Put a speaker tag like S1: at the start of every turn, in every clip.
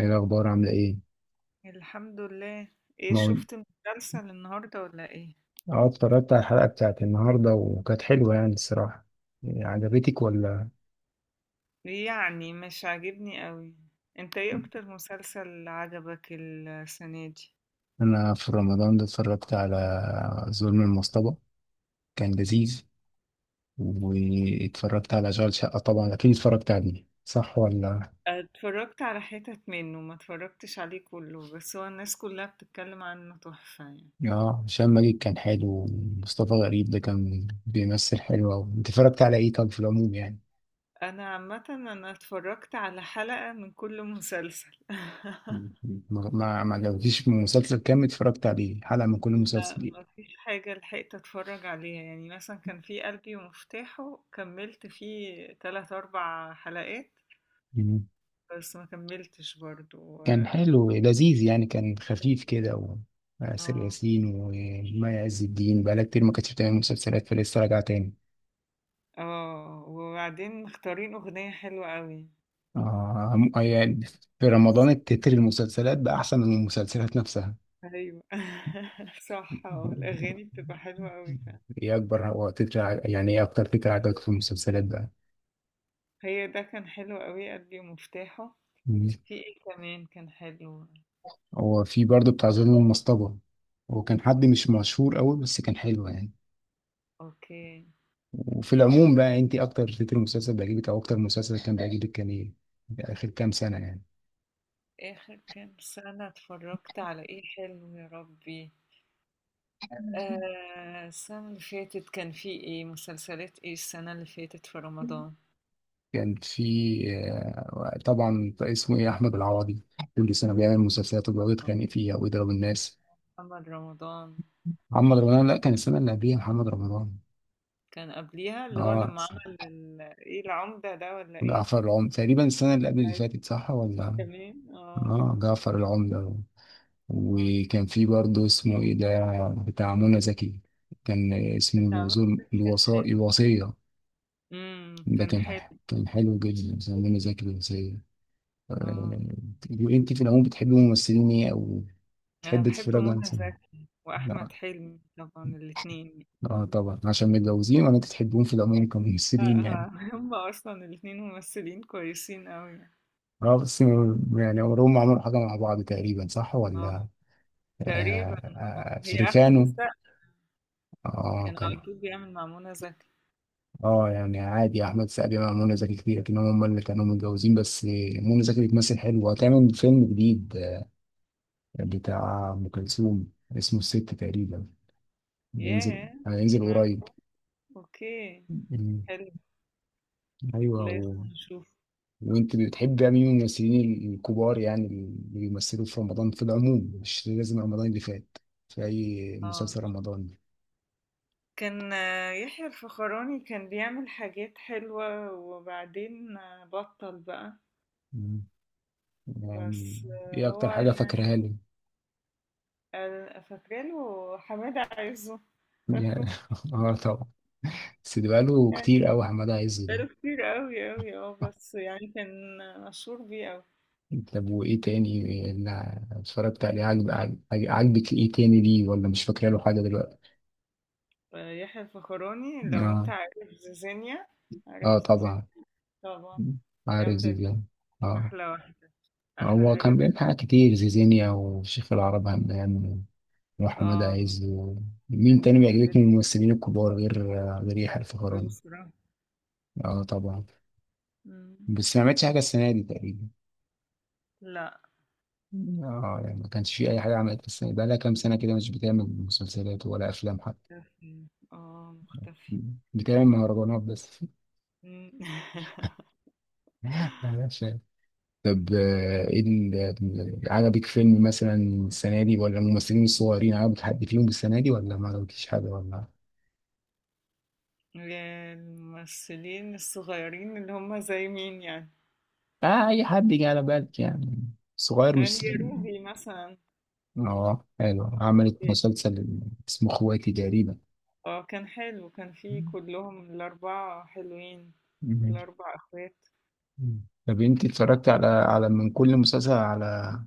S1: ايه الاخبار عامله ايه؟
S2: الحمد لله. ايه
S1: ما هو-
S2: شفت مسلسل النهارده ولا ايه؟
S1: اه، اتفرجت على الحلقه بتاعت النهارده وكانت حلوه يعني الصراحه. إيه، عجبتك ولا؟
S2: يعني مش عاجبني قوي. انت ايه اكتر مسلسل عجبك السنه دي؟
S1: انا في رمضان ده اتفرجت على ظلم المصطبه. كان لذيذ. واتفرجت على اشغال شقه، طبعا اكيد اتفرجت عليه، صح ولا؟
S2: اتفرجت على حتت منه، ما اتفرجتش عليه كله، بس هو الناس كلها بتتكلم عنه تحفه يعني.
S1: اه، هشام ماجد كان حلو، ومصطفى غريب ده كان بيمثل حلو أوي. انت اتفرجت على ايه طب في العموم يعني؟
S2: انا عامه انا اتفرجت على حلقه من كل مسلسل
S1: ما عجبكيش مسلسل كامل؟ اتفرجت عليه حلقه من كل
S2: لا،
S1: مسلسل؟
S2: ما فيش حاجه لحقت اتفرج عليها، يعني مثلا كان في قلبي ومفتاحه كملت فيه 3 4 حلقات
S1: ايه؟
S2: بس ما كمّلتش برضه.
S1: كان
S2: آه،
S1: حلو لذيذ يعني، كان خفيف كده وآسر
S2: آه،
S1: ياسين ومي عز الدين بقالها كتير ما كانتش بتعمل مسلسلات، فلسه راجعة تاني.
S2: وبعدين مختارين أغنية حلوة أوي
S1: آه يعني، في رمضان
S2: بس.
S1: التتر المسلسلات بقى أحسن من المسلسلات نفسها.
S2: أيوه صح. الأغاني بتبقى حلوة أوي فعلًا.
S1: إيه أكبر هو تتر ع- يعني إيه أكتر تتر عجبك في المسلسلات بقى؟
S2: هي ده كان حلو أوي، قلبي ومفتاحه.
S1: مم.
S2: في إيه كمان كان حلو؟
S1: هو في برضه بتاع ظلم المصطبة. هو كان حد مش مشهور قوي بس كان حلو يعني.
S2: أوكي.
S1: وفي العموم بقى أنت أكتر تتر مسلسل بيعجبك أو أكتر مسلسل كان بيعجبك كان إيه؟ آخر كام سنة يعني.
S2: آخر كام سنة اتفرّجت على إيه حلو يا ربي؟ السنة اللي فاتت كان في إيه، مسلسلات إيه السنة اللي فاتت في رمضان؟
S1: كان في آه، طبعا اسمه ايه، احمد العوضي. كل سنه بيعمل مسلسلات وبيقعد يتخانق
S2: آه،
S1: فيها ويضرب الناس.
S2: محمد رمضان.
S1: محمد رمضان، لا، كان السنه اللي قبليها محمد رمضان.
S2: كان قبليها اللي هو
S1: اه،
S2: لما عمل ايه العمدة ده ولا ايه؟
S1: جعفر العمدة تقريبا، السنه اللي قبل اللي
S2: أيوة،
S1: فاتت، صح ولا؟
S2: كمان
S1: اه، جعفر العمدة.
S2: آه.
S1: وكان في برضه اسمه ايه ده بتاع منى زكي. كان
S2: بس
S1: اسمه
S2: عمل، كان حلو،
S1: الوصية. ده
S2: كان
S1: كان
S2: حلو.
S1: كان حلو جدا، اسمه منى زكي الوصية. آه.
S2: اه،
S1: وانت في العموم بتحبي ممثلين ايه، او
S2: انا
S1: تحب
S2: بحب
S1: تتفرج على
S2: منى
S1: سينما؟
S2: زكي
S1: لا.
S2: واحمد حلمي طبعا، الاتنين.
S1: اه، طبعا، عشان متجوزين، انت تحبون في العموم
S2: آه،
S1: كممثلين يعني؟
S2: آه. هم اصلا الاتنين ممثلين كويسين قوي.
S1: اه، بس يعني عمرهم ما عملوا حاجة مع بعض تقريبا، صح
S2: اه،
S1: ولا؟
S2: تقريبا.
S1: آه،
S2: اه،
S1: آه،
S2: هي احمد
S1: افريكانو.
S2: السقا
S1: اه
S2: كان
S1: كان
S2: على طول بيعمل مع منى زكي.
S1: اه يعني عادي، احمد سعد مع منى زكي كتير، لكن هم اللي كانوا متجوزين بس. منى زكي بتمثل حلو، وهتعمل فيلم جديد بتاع ام كلثوم. اسمه الست تقريبا. هينزل
S2: ياه.
S1: هينزل
S2: ما-
S1: قريب.
S2: اوكي،
S1: مم.
S2: حلو،
S1: ايوه.
S2: لازم نشوف.
S1: وانت بتحب مين من الممثلين الكبار يعني، اللي بيمثلوا في رمضان في العموم، مش لازم رمضان اللي فات، في اي
S2: اه،
S1: مسلسل رمضان؟
S2: كان يحيى الفخراني كان بيعمل حاجات حلوة، وبعدين بطل بقى.
S1: مم. يعني،
S2: بس
S1: ايه
S2: هو
S1: اكتر حاجه
S2: يعني.
S1: فاكرها له؟
S2: آه، فاكرة له حمادة عزه، فاكره.
S1: يعني- اه، طبعا. بس ده بقاله
S2: يعني
S1: كتير قوي حماده عز ده.
S2: بقاله كتير قوي قوي، بس يعني كان مشهور بيه قوي.
S1: طب وايه تاني اللي اتفرجت عليه، عجبك ايه تاني ليه، ولا مش فاكره له حاجه دلوقتي؟
S2: آه، يحيى الفخراني، لو انت
S1: اه.
S2: عارف زيزينيا؟ عارف
S1: اه،
S2: زيزينيا؟
S1: طبعا.
S2: طبعا.
S1: عارف
S2: جامدة دي.
S1: زيزان؟ اه،
S2: أحلى واحدة، أحلى
S1: هو كان
S2: حاجة.
S1: بيعمل حاجات كتير، زيزينيا وشيخ العرب همام وأحمد
S2: اه،
S1: عز مين
S2: كان
S1: تاني
S2: بيعمل
S1: بيعجبك من الممثلين الكبار غير يحيى
S2: حاجات
S1: الفخراني؟
S2: بصراحة.
S1: اه، طبعا.
S2: مم.
S1: بس ما عملتش حاجة السنة دي تقريبا.
S2: لا.
S1: اه، يعني ما كانش في أي حاجة عملت السنة دي، بقالها كام سنة كده مش بتعمل مسلسلات ولا أفلام حتى.
S2: مختفي. اه، مختفي.
S1: بتعمل مهرجانات بس.
S2: إمم.
S1: معلش يعني. طب ايه عجبك فيلم مثلا السنة دي، ولا الممثلين الصغيرين عجبك حد فيهم السنة دي، ولا ما عجبكيش حاجة ولا؟
S2: الممثلين الصغيّرين اللي هُم زي مين يعني؟
S1: اه، أي حد جه على بالك يعني، صغير
S2: هي
S1: مش
S2: روبي مثلًا.
S1: اه حلو، عملت مسلسل اسمه اخواتي تقريبا.
S2: آه، كان حلو، كان في كلّهم ال4 حلوين،
S1: مم.
S2: ال4 أخوات.
S1: مم. طب انت اتفرجت على من كل مسلسل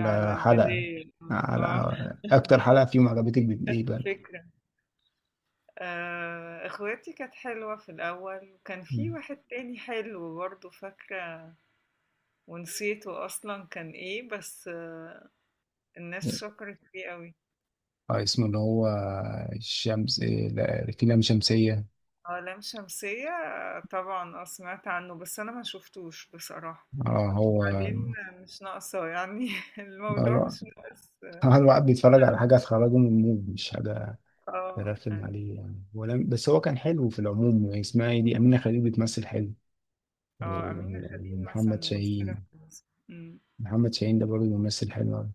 S2: على
S1: حلقة،
S2: الجدال، آه. آه
S1: على اكتر حلقة فيهم عجبتك، ايه
S2: خدت
S1: بقى؟
S2: فكرة. أخواتي كانت حلوة في الأول، وكان في
S1: مم.
S2: واحد تاني حلو برضه، فاكرة ونسيته أصلًا، كان إيه، بس الناس شكرت فيه أوي.
S1: اه، اسمه اللي هو الشمس، لا، لام شمسية.
S2: اه، لام شمسية. آه، طبعا، اه سمعت عنه بس انا ما شفتوش بصراحة.
S1: اه، هو
S2: وبعدين مش ناقصة يعني الموضوع
S1: الو-
S2: مش ناقص.
S1: الواحد بيتفرج على حاجة تخرجه من المود، مش حاجة
S2: اه
S1: ترخم
S2: يعني
S1: عليه يعني، ولا بس هو كان حلو في العموم يعني، اسمها ايه دي أمينة خليل بتمثل حلو،
S2: اه، أمينة خليل مثلا
S1: ومحمد
S2: ممثلة
S1: شاهين.
S2: كويسة
S1: محمد شاهين ده برضه ممثل حلو أوي.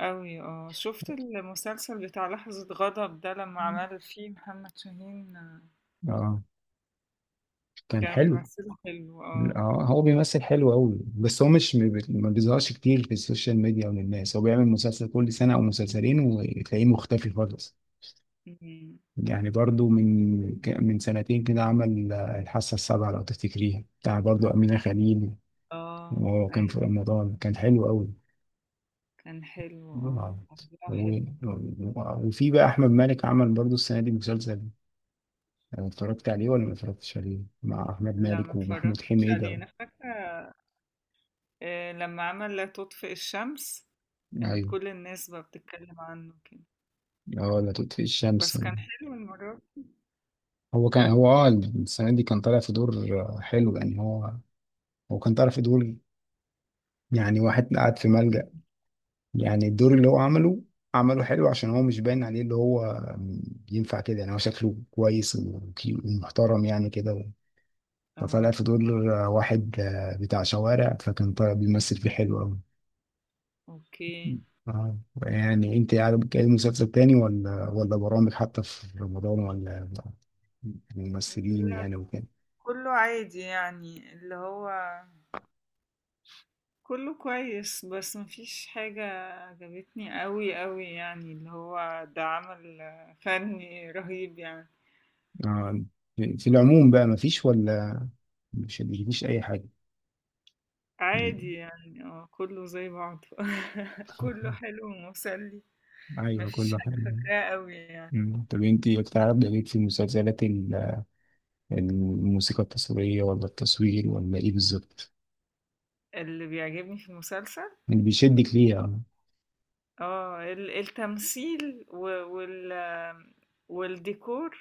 S2: أوي. اه، شفت المسلسل بتاع لحظة غضب ده لما عمل فيه محمد شاهين؟
S1: اه، كان
S2: كانوا
S1: حلو.
S2: بيمثلوا حلو. اه.
S1: اه، هو بيمثل حلو أوي، بس هو مش ما بي- ما بيظهرش كتير في السوشيال ميديا وللناس، هو بيعمل مسلسل كل سنة أو مسلسلين وتلاقيه مختفي خالص.
S2: أمم،
S1: يعني برضه من سنتين كده عمل الحاسة السابعة، لو تفتكريها، بتاع برضه أمينة خليل.
S2: اه،
S1: وهو
S2: أي
S1: كان في رمضان كان حلو أوي.
S2: كان حلو. اه،
S1: آه.
S2: موضوع
S1: و-
S2: حلو.
S1: وفي بقى أحمد مالك عمل برضه السنة دي مسلسل، أنا اتفرجت عليه ولا ما اتفرجتش عليه، مع احمد
S2: لا،
S1: مالك
S2: ما
S1: ومحمود
S2: اتفرجتش عليه
S1: حميدة.
S2: أنا فاكرة. آه، لما عمل لا تطفئ الشمس كانت
S1: ايوه.
S2: كل الناس بقى بتتكلم عنه كده،
S1: اه، لا تطفئ الشمس.
S2: بس كان حلو المرة دي.
S1: هو كان هو اه السنه دي كان طالع في دور حلو يعني هو كان طالع في دور، يعني واحد قاعد في ملجأ. يعني الدور اللي هو عمله، عمله حلو، عشان هو مش باين عليه اللي هو ينفع كده، يعني هو شكله كويس ومحترم يعني كده. فطالع
S2: اه.
S1: في دور واحد بتاع شوارع، فكان طالع بيمثل فيه حلو أوي.
S2: اوكي.
S1: آه. يعني انت يعني بتتكلم مسلسل تاني ولا برامج حتى في رمضان، ولا ممثلين
S2: لا،
S1: يعني وكده؟
S2: كله عادي يعني اللي هو كله كويس، بس مفيش حاجة عجبتني قوي قوي يعني اللي هو ده عمل فني رهيب يعني.
S1: آه. في العموم بقى مفيش، ولا مش مفيش اي حاجة؟ يعني-
S2: عادي يعني، كله زي بعضه كله حلو ومسلي.
S1: ايوه،
S2: مفيش
S1: كله
S2: حاجة
S1: حلو.
S2: فاكراها قوي يعني.
S1: مم. طب انت بتعرف ده ليك في المسلسلات الموسيقى التصويرية، ولا التصوير، ولا ايه بالظبط
S2: اللي بيعجبني في المسلسل
S1: اللي بيشدك ليها؟
S2: التمثيل، و وال والديكور.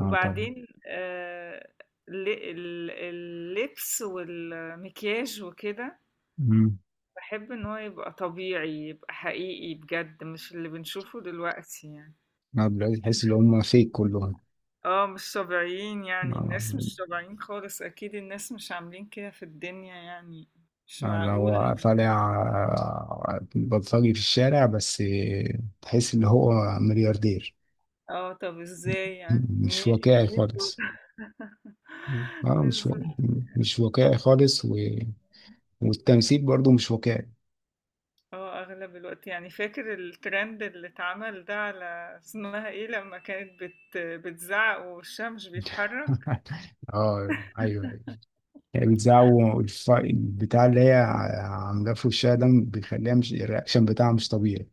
S1: اه، طبعا.
S2: وبعدين ال ال اللبس والمكياج وكده.
S1: امم
S2: باحب إن هو يبقى طبيعي، يبقى حقيقي بجد، مش اللي بنشوفه دلوقتي يعني.
S1: دلوقتي تحس ان هم فيك كلهم.
S2: آه، مش طبيعيين يعني، الناس
S1: آه.
S2: مش طبيعيين خالص، أكيد الناس مش عاملين كده في الدنيا يعني، مش
S1: اللي
S2: معقولة
S1: هو
S2: يعني.
S1: طالع بلطجي في الشارع، بس تحس ان هو ملياردير.
S2: آه، طب إزاي يعني منين؟
S1: مش واقعي
S2: يعني إيه دول؟
S1: خالص. اه،
S2: بالضبط.
S1: مش واقعي خالص والتمثيل برضو مش واقعي.
S2: اه، اغلب الوقت يعني فاكر الترند اللي اتعمل ده على اسمها ايه لما كانت بتزعق ووشها مش بيتحرك.
S1: اه، ايوه، ايوه. هي بتزعق. البتاع اللي هي عاملاه في وشها ده بيخليها مش، الرياكشن بتاعها مش طبيعي.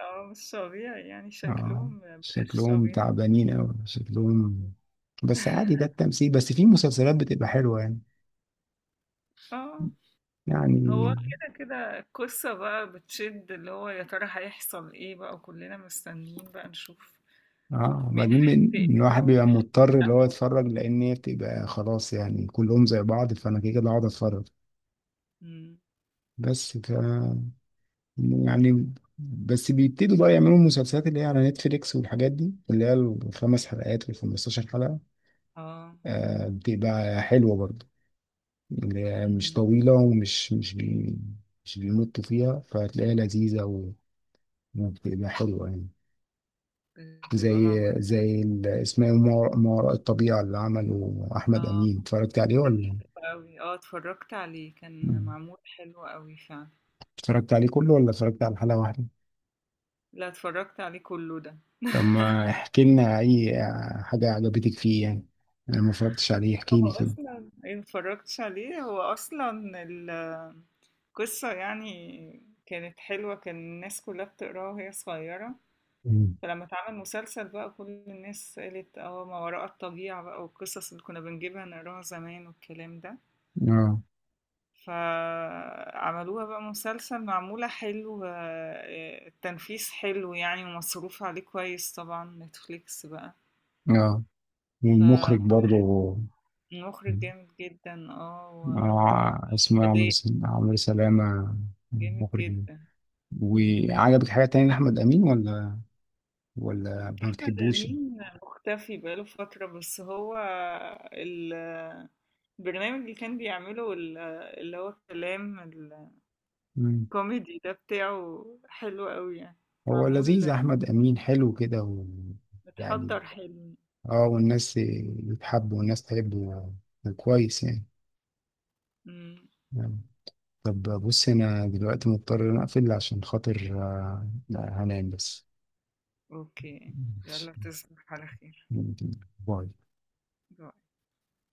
S2: اه، مش طبيعي يعني،
S1: اه،
S2: شكلهم مبقاش
S1: شكلهم
S2: طبيعي.
S1: تعبانين اوي شكلهم. بس عادي، ده التمثيل، بس في مسلسلات بتبقى حلوة يعني.
S2: اه، هو
S1: يعني.
S2: كده كده القصة بقى بتشد، اللي هو يا ترى هيحصل ايه بقى، وكلنا مستنيين بقى نشوف
S1: اه،
S2: مين
S1: بعدين
S2: هينتقم
S1: الواحد
S2: بقى ومين
S1: بيبقى
S2: هياخد
S1: مضطر اللي هو
S2: حقه.
S1: يتفرج، لان هي بتبقى خلاص يعني، كلهم زي بعض، فانا كده كده هقعد اتفرج.
S2: مم.
S1: بس ف يعني بس بيبتدوا بقى يعملوا المسلسلات اللي هي على نتفليكس والحاجات دي اللي هي 5 حلقات و15 حلقة.
S2: اه.
S1: آه، بتبقى حلوة برضه، اللي هي مش
S2: مم.
S1: طويلة، ومش مش بي مش بيمطوا فيها، فهتلاقيها لذيذة وبتبقى حلوة يعني.
S2: بتبقى
S1: زي
S2: معمولة.
S1: زي اسمه إيه؟ ما وراء الطبيعة اللي عمله أحمد
S2: اه،
S1: أمين، اتفرجت عليه
S2: كان
S1: ولا؟
S2: حلو قوي. اه، اتفرجت عليه، كان
S1: مم.
S2: معمول حلو قوي فعلا.
S1: اتفرجت عليه كله، ولا اتفرجت على حلقة واحدة؟
S2: لا، اتفرجت عليه كله ده
S1: طب ما احكي لنا أي حاجة عجبتك فيه يعني، أنا ما اتفرجتش عليه، احكي
S2: هو
S1: لي كده.
S2: اصلا إيه، متفرجتش عليه. هو اصلا ال- القصة يعني كانت حلوة، كان الناس كلها بتقراها وهي صغيرة،
S1: مم.
S2: فلما اتعمل مسلسل بقى كل الناس قالت اه ما وراء الطبيعة بقى، والقصص اللي كنا بنجيبها نقراها زمان والكلام ده،
S1: اه.
S2: فعملوها بقى مسلسل معمولة حلو. التنفيذ حلو يعني، ومصروف عليه كويس طبعا، نتفليكس بقى.
S1: اه، والمخرج
S2: فكل
S1: برضه.
S2: مخرج جامد جدا،
S1: اه، اسمه
S2: وأداء
S1: عمرو سلامة.
S2: جامد
S1: مخرج.
S2: جدا. مم.
S1: وعجبك حاجة تانية لأحمد أمين، ولا ولا ما
S2: أحمد
S1: بتحبوش؟
S2: أمين مختفي بقاله فترة، بس هو ال- البرنامج اللي كان بيعمله، اللي هو كلام الكوميدي ده بتاعه حلو قوي يعني،
S1: هو لذيذ،
S2: معمول
S1: احمد امين حلو كده. ويعني،
S2: متحضر حلو.
S1: اه، والناس تحبه، كويس يعني.
S2: مم.
S1: يعني. طب بص، انا دلوقتي مضطر ان أنا اقفل عشان خاطر هنام بس.
S2: اوكي،
S1: ماشي.
S2: يلا تصبح على خير.
S1: باي.